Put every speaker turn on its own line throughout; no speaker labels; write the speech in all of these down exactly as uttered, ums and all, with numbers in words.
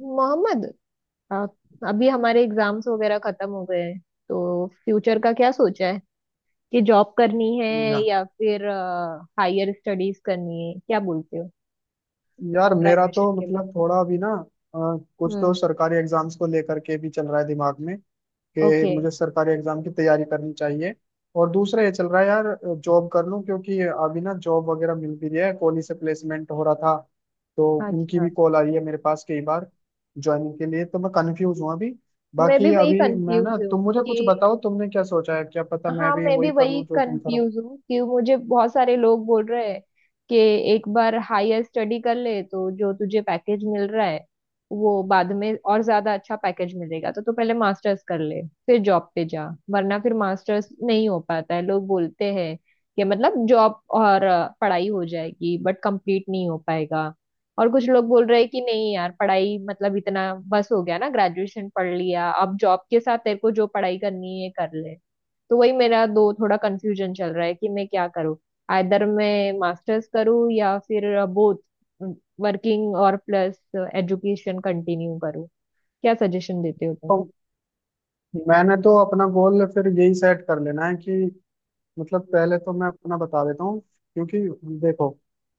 मोहम्मद, आ, अभी हमारे एग्जाम्स वगैरह खत्म हो गए हैं। तो फ्यूचर का क्या सोचा है? कि जॉब करनी है
या,
या फिर हायर स्टडीज करनी है? क्या बोलते हो
यार मेरा
ग्रेजुएशन
तो
के बाद?
मतलब थोड़ा अभी ना अ, कुछ तो
हम्म।
सरकारी एग्जाम्स को लेकर के भी चल रहा है दिमाग में कि
ओके।
मुझे सरकारी एग्जाम की तैयारी करनी चाहिए। और दूसरा ये चल रहा है यार, जॉब कर लूं क्योंकि अभी ना जॉब वगैरह मिल भी रही है, कॉलेज से प्लेसमेंट हो रहा था तो उनकी
अच्छा।
भी कॉल आई है मेरे पास कई बार ज्वाइनिंग के लिए। तो मैं कंफ्यूज हूँ अभी।
मैं भी
बाकी
वही
अभी मैं ना,
कंफ्यूज हूँ
तुम मुझे कुछ
कि
बताओ, तुमने क्या सोचा है, क्या पता मैं
हाँ,
भी
मैं भी
वही कर
वही
लूँ जो तुम करो।
कंफ्यूज हूँ कि मुझे बहुत सारे लोग बोल रहे हैं कि एक बार हायर स्टडी कर ले तो जो तुझे पैकेज मिल रहा है वो बाद में और ज्यादा अच्छा पैकेज मिलेगा, तो तू पहले मास्टर्स कर ले, फिर जॉब पे जा, वरना फिर मास्टर्स नहीं हो पाता है। लोग बोलते हैं कि मतलब जॉब और अ, पढ़ाई हो जाएगी बट कंप्लीट नहीं हो पाएगा। और कुछ लोग बोल रहे हैं कि नहीं यार, पढ़ाई मतलब इतना बस हो गया ना, ग्रेजुएशन पढ़ लिया, अब जॉब के साथ तेरे को जो पढ़ाई करनी है कर ले। तो वही मेरा दो थोड़ा कंफ्यूजन चल रहा है कि मैं क्या करूँ। आइदर मैं मास्टर्स करूँ या फिर बोथ, वर्किंग और प्लस एजुकेशन कंटिन्यू करूँ। क्या सजेशन देते हो तुम?
तो मैंने तो अपना गोल फिर यही सेट कर लेना है कि मतलब पहले तो मैं अपना बता देता हूँ क्योंकि देखो,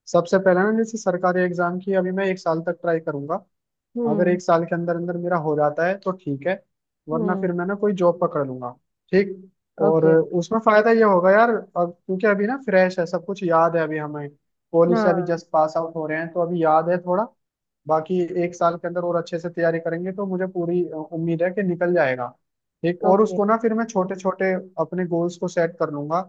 सबसे पहले ना जैसे सरकारी एग्जाम की अभी मैं एक साल तक ट्राई करूंगा। अगर
हम्म
एक साल के अंदर अंदर मेरा हो जाता है तो ठीक है, वरना
हम्म।
फिर मैं ना कोई जॉब पकड़ लूंगा। ठीक। और
ओके।
उसमें फायदा ये होगा यार, अब क्योंकि अभी ना फ्रेश है, सब कुछ याद है अभी हमें, कॉलेज से अभी
हाँ।
जस्ट पास आउट हो रहे हैं तो अभी याद है थोड़ा। बाकी एक साल के अंदर और अच्छे से तैयारी करेंगे तो मुझे पूरी अ, उम्मीद है कि निकल जाएगा। ठीक। और
ओके।
उसको ना फिर मैं छोटे छोटे अपने गोल्स को सेट कर लूंगा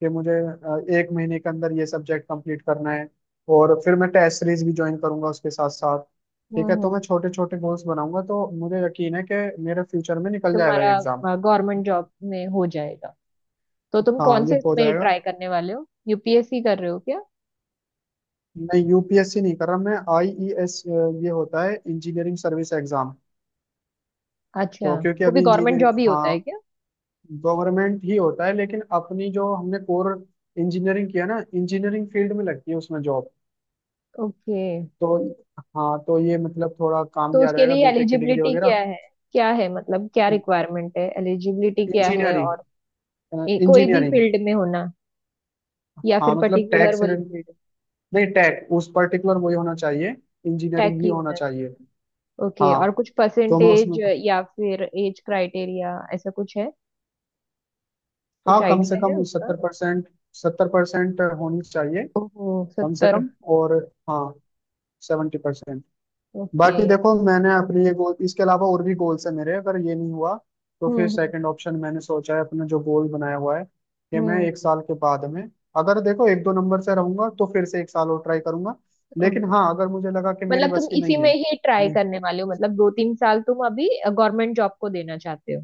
कि मुझे अ, एक महीने के अंदर ये सब्जेक्ट कंप्लीट करना है। और फिर मैं टेस्ट सीरीज भी ज्वाइन करूंगा उसके साथ साथ।
हम्म
ठीक है, तो
हम्म।
मैं छोटे छोटे गोल्स बनाऊंगा तो मुझे यकीन है कि मेरे फ्यूचर में निकल जाएगा
तुम्हारा
ये एग्जाम।
गवर्नमेंट जॉब में हो जाएगा तो तुम
हाँ,
कौन
ये
से
हो
इसमें
जाएगा।
ट्राई करने वाले हो? यूपीएससी कर रहे हो क्या?
मैं यूपीएससी नहीं कर रहा, मैं आईईएस, ये होता है इंजीनियरिंग सर्विस एग्जाम।
अच्छा।
तो क्योंकि
वो भी
अभी
गवर्नमेंट
इंजीनियरिंग।
जॉब ही होता है
हाँ,
क्या?
गवर्नमेंट ही होता है, लेकिन अपनी जो हमने कोर इंजीनियरिंग किया ना, इंजीनियरिंग फील्ड में लगती है उसमें जॉब।
ओके।
तो हाँ, तो ये मतलब थोड़ा काम
तो
भी आ
उसके
जाएगा
लिए
बीटेक की डिग्री
एलिजिबिलिटी क्या
वगैरह।
है? क्या है मतलब, क्या रिक्वायरमेंट है, एलिजिबिलिटी क्या है,
इंजीनियरिंग।
और ये कोई भी
इंजीनियरिंग।
फील्ड में होना या फिर
हाँ मतलब
पर्टिकुलर
टैक्स,
वही फील्ड?
नहीं टेक, उस पर्टिकुलर वही होना चाहिए,
टैक
इंजीनियरिंग ही
ही
होना
होना
चाहिए।
चाहिए? ओके। और
हाँ,
कुछ
तो मैं
परसेंटेज
उसमें।
या फिर एज क्राइटेरिया, ऐसा कुछ है? कुछ
हाँ, कम से
आइडिया है
कम
उसका?
सत्तर परसेंट, सत्तर परसेंट होनी चाहिए
ओहो,
कम से
सत्तर?
कम। और हाँ, सेवेंटी परसेंट।
ओके।
बाकी देखो, मैंने अपने ये गोल, इसके अलावा और भी गोल्स है मेरे, अगर ये नहीं हुआ तो
हम्म
फिर
हम्म।
सेकंड ऑप्शन मैंने सोचा है, अपना जो गोल बनाया हुआ है कि मैं
हम्म,
एक साल के बाद में, अगर देखो एक दो नंबर से रहूंगा तो फिर से एक साल और ट्राई करूंगा, लेकिन
ओके।
हाँ, अगर मुझे लगा कि मेरे
मतलब तुम
बस की
इसी
नहीं
में
है।
ही ट्राई
मैं-
करने वाले हो? मतलब दो तीन साल तुम अभी गवर्नमेंट जॉब को देना चाहते हो?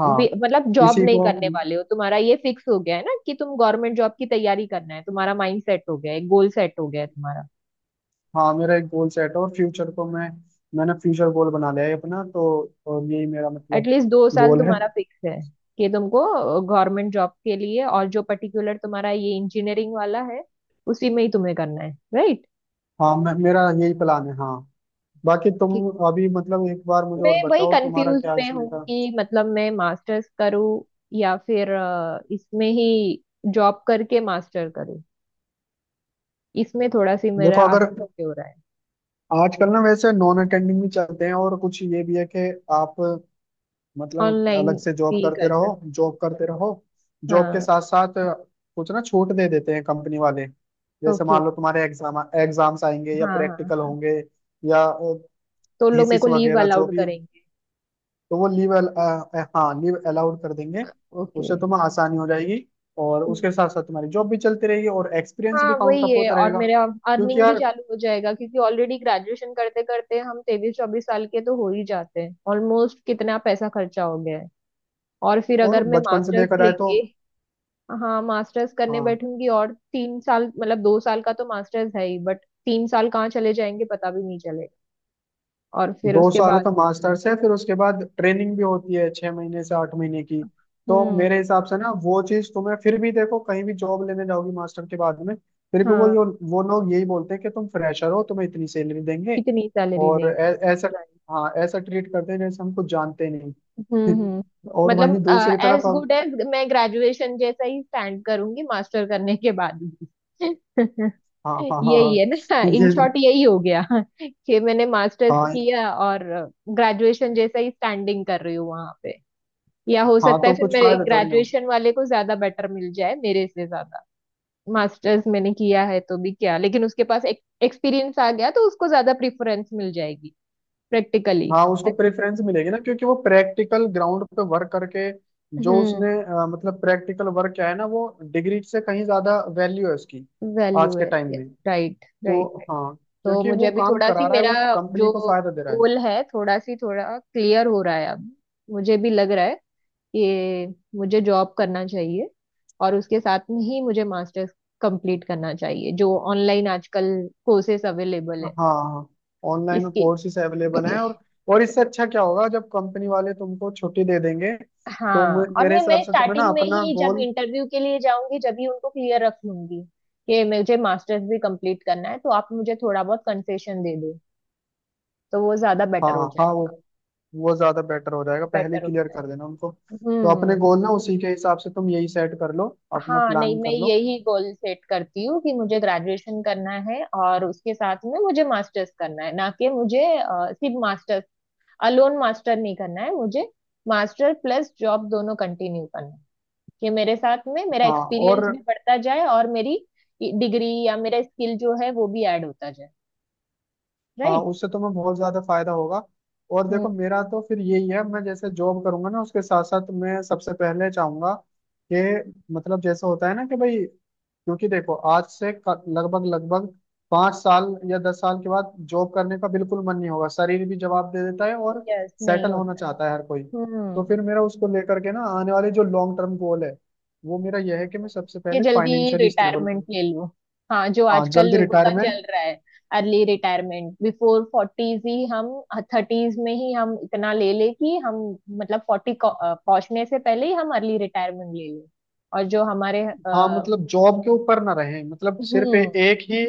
हाँ,
मतलब जॉब
इसी
नहीं
को।
करने वाले हो? तुम्हारा ये फिक्स हो गया है ना कि तुम गवर्नमेंट जॉब की तैयारी करना है, तुम्हारा माइंड सेट हो गया है, गोल सेट हो गया है तुम्हारा।
हाँ, मेरा एक गोल सेट है और फ्यूचर को मैं मैंने फ्यूचर गोल बना लिया है अपना तो, और यही मेरा मतलब
एटलीस्ट दो साल
गोल है।
तुम्हारा फिक्स है कि तुमको गवर्नमेंट जॉब के लिए, और जो पर्टिकुलर तुम्हारा ये इंजीनियरिंग वाला है उसी में ही तुम्हें करना है, राइट?
हाँ मैं, मेरा यही प्लान है, हाँ। बाकी तुम
ठीक।
अभी मतलब एक बार मुझे
मैं
और
वही
बताओ, तुम्हारा
कंफ्यूज
क्या
में
इसमें
हूँ
का।
कि मतलब मैं मास्टर्स करूँ या फिर अ, इसमें ही जॉब करके मास्टर करूँ। इसमें थोड़ा सी
देखो,
मेरा
अगर
आगे पीछे हो रहा है।
आजकल ना वैसे नॉन अटेंडिंग भी चलते हैं, और कुछ ये भी है कि आप मतलब
ऑनलाइन
अलग से जॉब
भी
करते
कर सकते।
रहो, जॉब करते रहो, जॉब के
हाँ।
साथ साथ कुछ ना छूट दे देते हैं कंपनी वाले। जैसे
ओके।
मान लो तुम्हारे एग्जाम एग्जाम्स आएंगे या
हाँ हाँ
प्रैक्टिकल
हाँ।
होंगे या
तो लोग मेरे को
थीसिस
लीव
वगैरह जो
अलाउड
भी,
करेंगे?
तो वो लीव अल, अ, अ, हाँ, लीव अलाउड कर देंगे।
ओके।
उससे तुम्हें आसानी हो जाएगी। और
हम्म।
उसके साथ साथ तुम्हारी जॉब भी चलती रहेगी और एक्सपीरियंस
हाँ,
भी काउंट
वही
अप
है।
होता
और
रहेगा
मेरा
क्योंकि
अर्निंग भी
यार,
चालू हो जाएगा क्योंकि ऑलरेडी ग्रेजुएशन करते करते हम तेईस चौबीस साल के तो हो ही जाते हैं, ऑलमोस्ट कितना पैसा खर्चा हो गया है। और फिर
और
अगर मैं
बचपन से
मास्टर्स
देखा जाए तो।
लेके, हाँ, मास्टर्स करने
हाँ,
बैठूंगी, और तीन साल मतलब दो साल का तो मास्टर्स है ही बट तीन साल कहाँ चले जाएंगे पता भी नहीं चलेगा। और फिर
दो
उसके
साल का
बाद
मास्टर्स है, फिर उसके बाद ट्रेनिंग भी होती है छह महीने से आठ महीने की। तो
हम्म।
मेरे हिसाब से ना, वो चीज तुम्हें फिर भी, देखो कहीं भी जॉब लेने जाओगी मास्टर के बाद में, फिर भी वो
हाँ।
यो, वो लोग यही बोलते हैं कि तुम फ्रेशर हो, तुम्हें इतनी सैलरी देंगे।
कितनी सैलरी
और
देंगे?
ऐ- ऐसा, हाँ ऐसा ट्रीट करते हैं जैसे हम कुछ जानते ही
हम्म
नहीं
हम्म।
और वहीं
मतलब
दूसरी तरफ
एज
हम,
गुड एज मैं ग्रेजुएशन जैसा ही स्टैंड करूंगी मास्टर करने के बाद भी।
हाँ हाँ हाँ
यही
हाँ,
है ना, इन
ये।
शॉर्ट यही हो गया कि मैंने मास्टर्स
हाँ।
किया और ग्रेजुएशन जैसा ही स्टैंडिंग कर रही हूँ वहां पे। या हो
हाँ
सकता है
तो
फिर
कुछ
मेरे
फायदा थोड़ी ना।
ग्रेजुएशन वाले को ज्यादा बेटर मिल जाए मेरे से ज्यादा। मास्टर्स मैंने किया है तो भी क्या, लेकिन उसके पास एक एक्सपीरियंस आ गया तो उसको ज्यादा प्रेफरेंस मिल जाएगी। प्रैक्टिकली।
हाँ,
है
उसको
ना?
प्रेफरेंस मिलेगी ना क्योंकि वो प्रैक्टिकल ग्राउंड पे वर्क करके, जो
हम्म।
उसने अ, मतलब प्रैक्टिकल वर्क किया है ना, वो डिग्री से कहीं ज्यादा वैल्यू है उसकी
वैल्यू
आज
है।
के टाइम
यस,
में।
राइट राइट
तो
राइट।
हाँ,
तो
क्योंकि
मुझे
वो
अभी
काम
थोड़ा
करा
सी
रहा है,
मेरा
वो कंपनी
जो
को फायदा दे रहा है।
गोल है थोड़ा सी थोड़ा क्लियर हो रहा है अब। मुझे भी लग रहा है कि मुझे जॉब करना चाहिए और उसके साथ में ही मुझे मास्टर्स कंप्लीट करना चाहिए, जो ऑनलाइन आजकल कोर्सेस अवेलेबल है।
हाँ, ऑनलाइन
इसके
कोर्सेज अवेलेबल हैं। और और इससे अच्छा क्या होगा, जब कंपनी वाले तुमको छुट्टी दे देंगे तो
हाँ।
मे-
और
मेरे
मैं
हिसाब
मैं
से तुम्हें ना
स्टार्टिंग में
अपना
ही जब
गोल।
इंटरव्यू के लिए जाऊंगी, जब ही उनको क्लियर रख लूंगी कि मुझे मास्टर्स भी कंप्लीट करना है, तो आप मुझे थोड़ा बहुत कंसेशन दे दो, तो वो ज्यादा
हाँ
बेटर हो
हाँ, वो
जाएगा।
वो ज्यादा बेटर हो जाएगा, पहले
बेटर हो
क्लियर
जाए।
कर देना उनको। तो अपने
हम्म।
गोल ना उसी के हिसाब से तुम यही सेट कर लो, अपना
हाँ, नहीं
प्लान
मैं
कर लो।
यही गोल सेट करती हूँ कि मुझे ग्रेजुएशन करना है और उसके साथ में मुझे मास्टर्स करना है, ना कि मुझे अ, सिर्फ मास्टर्स अलोन मास्टर नहीं करना है मुझे। मास्टर प्लस जॉब दोनों कंटिन्यू करना है कि मेरे साथ में मेरा
हाँ। और
एक्सपीरियंस भी बढ़ता जाए और मेरी डिग्री या मेरा स्किल जो है वो भी ऐड होता जाए।
हाँ,
राइट।
उससे तुम्हें बहुत ज्यादा फायदा होगा। और देखो,
हम्म।
मेरा तो फिर यही है, मैं जैसे जॉब करूंगा ना उसके साथ साथ मैं सबसे पहले चाहूंगा कि मतलब जैसे होता है ना कि भाई, क्योंकि देखो आज से क- लगभग लगभग पांच साल या दस साल के बाद जॉब करने का बिल्कुल मन नहीं होगा, शरीर भी जवाब दे देता है, और
यस, नहीं
सेटल होना
होता है।
चाहता है हर कोई। तो
हम्म।
फिर मेरा उसको लेकर के ना, आने वाले जो लॉन्ग टर्म गोल है, वो मेरा यह है कि मैं सबसे
कि
पहले
जल्दी
फाइनेंशियली स्टेबल।
रिटायरमेंट ले लो, हाँ जो
हाँ,
आजकल
जल्दी
लोगों का
रिटायरमेंट।
चल रहा है। अर्ली रिटायरमेंट बिफोर फोर्टीज ही, हम थर्टीज में ही हम इतना ले ले कि हम, मतलब फोर्टी पहुंचने से पहले ही हम अर्ली रिटायरमेंट ले लें। और जो हमारे
हाँ
अ,
मतलब जॉब के ऊपर ना रहे, मतलब सिर्फ ए-
हम्म
एक ही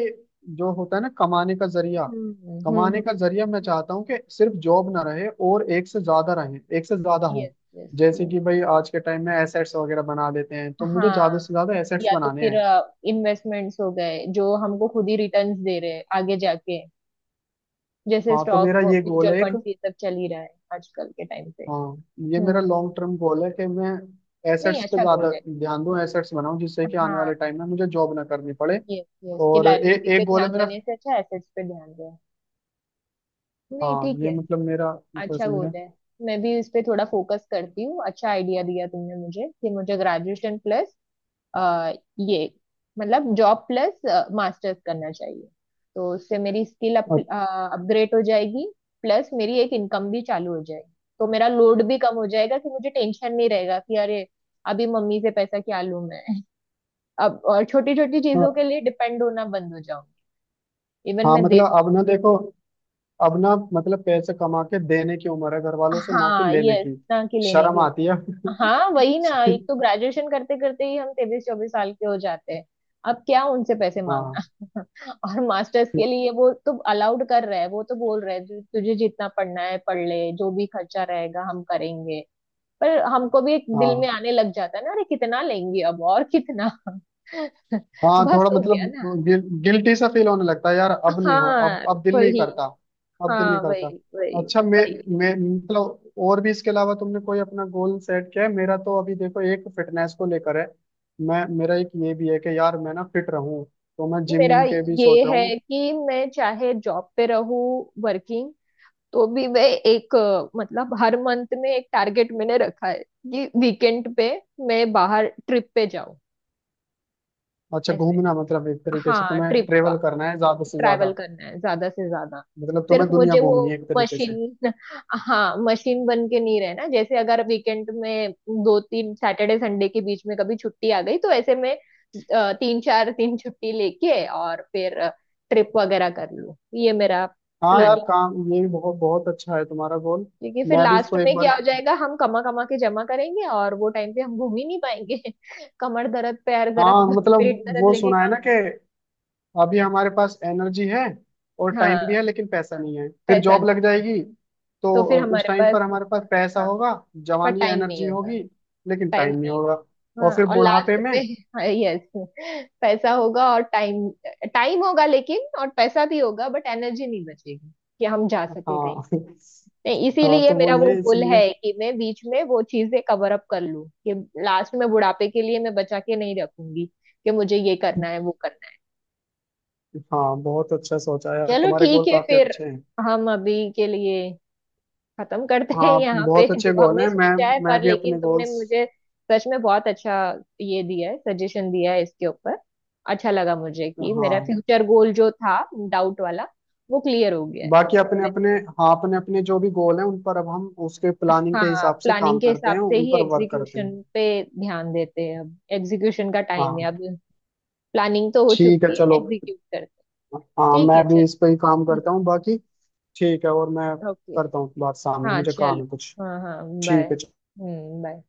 जो होता है ना कमाने का जरिया, कमाने
हम्म।
का जरिया मैं चाहता हूँ कि सिर्फ जॉब ना रहे और एक से ज्यादा रहे, एक से ज्यादा हो।
यस यस
जैसे
यस।
कि भाई आज के टाइम में एसेट्स वगैरह बना लेते हैं, तो मुझे
हाँ,
ज्यादा से ज्यादा एसेट्स
या तो
बनाने
फिर
हैं।
इन्वेस्टमेंट्स हो गए जो हमको खुद ही रिटर्न्स दे रहे हैं आगे जाके, जैसे
हाँ, तो
स्टॉक
मेरा ये गोल
म्यूचुअल
है एक।
फंड ये सब चल ही रहा है आजकल के टाइम पे।
हाँ, ये मेरा
हम्म।
लॉन्ग टर्म गोल है कि मैं
नहीं
एसेट्स पे
अच्छा गोल
ज्यादा
है।
ध्यान दूं,
यस।
एसेट्स बनाऊं जिससे कि आने
हाँ।
वाले टाइम में मुझे जॉब ना करनी पड़े।
यस यस कि
और ए,
लाइबिलिटी पे
एक गोल
ध्यान
है मेरा।
देने से अच्छा एसेट्स पे ध्यान दें। नहीं
हाँ
ठीक
ये
है,
मतलब मेरा
अच्छा गोल
मतलब,
है। मैं भी इस पे थोड़ा फोकस करती हूँ। अच्छा आइडिया दिया तुमने मुझे कि मुझे ग्रेजुएशन प्लस ये मतलब जॉब प्लस मास्टर्स करना चाहिए तो उससे मेरी स्किल अप,
समझे।
अपग्रेड हो जाएगी, प्लस मेरी एक इनकम भी चालू हो जाएगी, तो मेरा लोड भी कम हो जाएगा कि मुझे टेंशन नहीं रहेगा कि अरे, अभी मम्मी से पैसा क्या लूं मैं, अब और छोटी छोटी चीजों के लिए डिपेंड होना बंद हो जाऊंगी। इवन
हाँ
मैं दे
मतलब
पाऊँ।
अब ना देखो, अब ना मतलब पैसे कमा के देने की उम्र है घर वालों से, ना कि
हाँ,
लेने
यस
की।
ना कि लेने
शर्म
की
आती
उम्र।
है
हाँ वही ना, एक तो ग्रेजुएशन करते करते ही हम तेईस चौबीस साल के हो जाते हैं, अब क्या उनसे पैसे
हाँ
मांगना। और मास्टर्स के लिए वो तो अलाउड कर रहा है, वो तो बोल रहा है "तु- तुझे जितना पढ़ना है पढ़ ले, जो भी खर्चा रहेगा हम करेंगे।" पर हमको भी एक दिल में
हाँ
आने लग जाता है ना, अरे कितना लेंगे अब और कितना।
हाँ,
बस
थोड़ा
हो
मतलब
गया ना।
गिल, गिल्टी सा फील होने लगता है यार, अब नहीं हो, अब
हाँ
अब दिल नहीं
वही।
करता, अब दिल नहीं
हाँ
करता।
वही। वही।
अच्छा मैं
वही।
मैं मतलब और भी इसके अलावा तुमने कोई अपना गोल सेट किया है? मेरा तो अभी देखो एक फिटनेस को लेकर है। मैं, मेरा एक ये भी है कि यार मैं ना फिट रहूं, तो मैं जिम
मेरा
विम के भी
ये
सोच रहा
है
हूँ।
कि मैं चाहे जॉब पे रहूँ, वर्किंग, तो भी मैं एक अ, मतलब हर मंथ में एक टारगेट मैंने रखा है कि वीकेंड पे मैं बाहर ट्रिप पे जाऊँ।
अच्छा,
ऐसे,
घूमना, मतलब एक तरीके से
हाँ,
तुम्हें
ट्रिप का,
ट्रेवल करना है ज्यादा से ज्यादा।
ट्रैवल करना है ज्यादा से ज्यादा।
मतलब
सिर्फ
तुम्हें दुनिया
मुझे वो
घूमनी है एक तरीके से।
मशीन, हाँ मशीन बन के नहीं रहना। जैसे अगर वीकेंड में दो तीन सैटरडे संडे के बीच में कभी छुट्टी आ गई, तो ऐसे में अ, तीन चार दिन छुट्टी लेके और फिर ट्रिप वगैरह कर लूं, ये मेरा
हाँ यार,
प्लानिंग।
काम ये भी बहुत बहुत अच्छा है तुम्हारा गोल।
क्योंकि फिर
मैं भी
लास्ट
इसको एक
में
बार।
क्या हो जाएगा, हम कमा कमा के जमा करेंगे और वो टाइम पे हम घूम ही नहीं पाएंगे। कमर दर्द, पैर दर्द,
हाँ मतलब
पेट दर्द
वो
लेके
सुना है
कहाँ
ना
घूम-
कि अभी हमारे पास एनर्जी है और टाइम
हाँ,
भी है लेकिन पैसा नहीं है, फिर
पैसा नहीं
जॉब लग
है।
जाएगी
तो
तो
फिर
अ, उस
हमारे
टाइम
पास,
पर हमारे पास पैसा
हाँ।
होगा,
पर
जवानी,
टाइम नहीं
एनर्जी
होगा।
होगी लेकिन
टाइम
टाइम नहीं
नहीं होगा।
होगा, और
हाँ,
फिर
और
बुढ़ापे
लास्ट
में।
में यस, पैसा होगा और टाइम, टाइम होगा लेकिन, और पैसा भी होगा बट एनर्जी नहीं बचेगी कि हम जा
हाँ
सके कहीं पे। नहीं
हाँ
इसीलिए
तो वो
मेरा वो
ये
गोल
इसलिए
है कि मैं बीच में वो चीजें कवर अप कर लूं कि लास्ट में बुढ़ापे के लिए मैं बचा के नहीं रखूंगी कि मुझे ये करना है वो करना है।
हाँ बहुत अच्छा सोचा यार,
चलो
तुम्हारे गोल
ठीक है
काफी
फिर,
अच्छे हैं।
हम अभी के लिए खत्म करते हैं
हाँ,
यहाँ पे
बहुत
जो
अच्छे गोल
हमने
हैं। मैं
सोचा है।
मैं
पर
भी
लेकिन
अपने
तुमने
गोल्स।
मुझे सच में बहुत अच्छा ये दिया है, सजेशन दिया है इसके ऊपर। अच्छा लगा मुझे कि मेरा
हाँ
फ्यूचर गोल जो था, डाउट वाला, वो क्लियर हो गया है।
बाकी
अब
अपने
मैं
अपने।
थोड़े,
हाँ अपने अपने जो भी गोल हैं, उन पर अब हम उसके प्लानिंग के
हाँ,
हिसाब से
प्लानिंग
काम
के
करते
हिसाब
हैं,
से
उन
ही
पर वर्क करते
एग्जीक्यूशन
हैं।
पे ध्यान देते हैं, अब एग्जीक्यूशन का टाइम है
हाँ,
अब, प्लानिंग तो हो
ठीक है
चुकी है,
चलो।
एग्जीक्यूट करते हैं।
हाँ,
ठीक
मैं
है चल।
भी इस पर ही काम करता हूँ बाकी। ठीक है, और मैं
ओके।
करता हूँ बात, सामने
हाँ
मुझे काम
चलो।
है कुछ।
हाँ हाँ बाय।
ठीक है।
हम्म। बाय।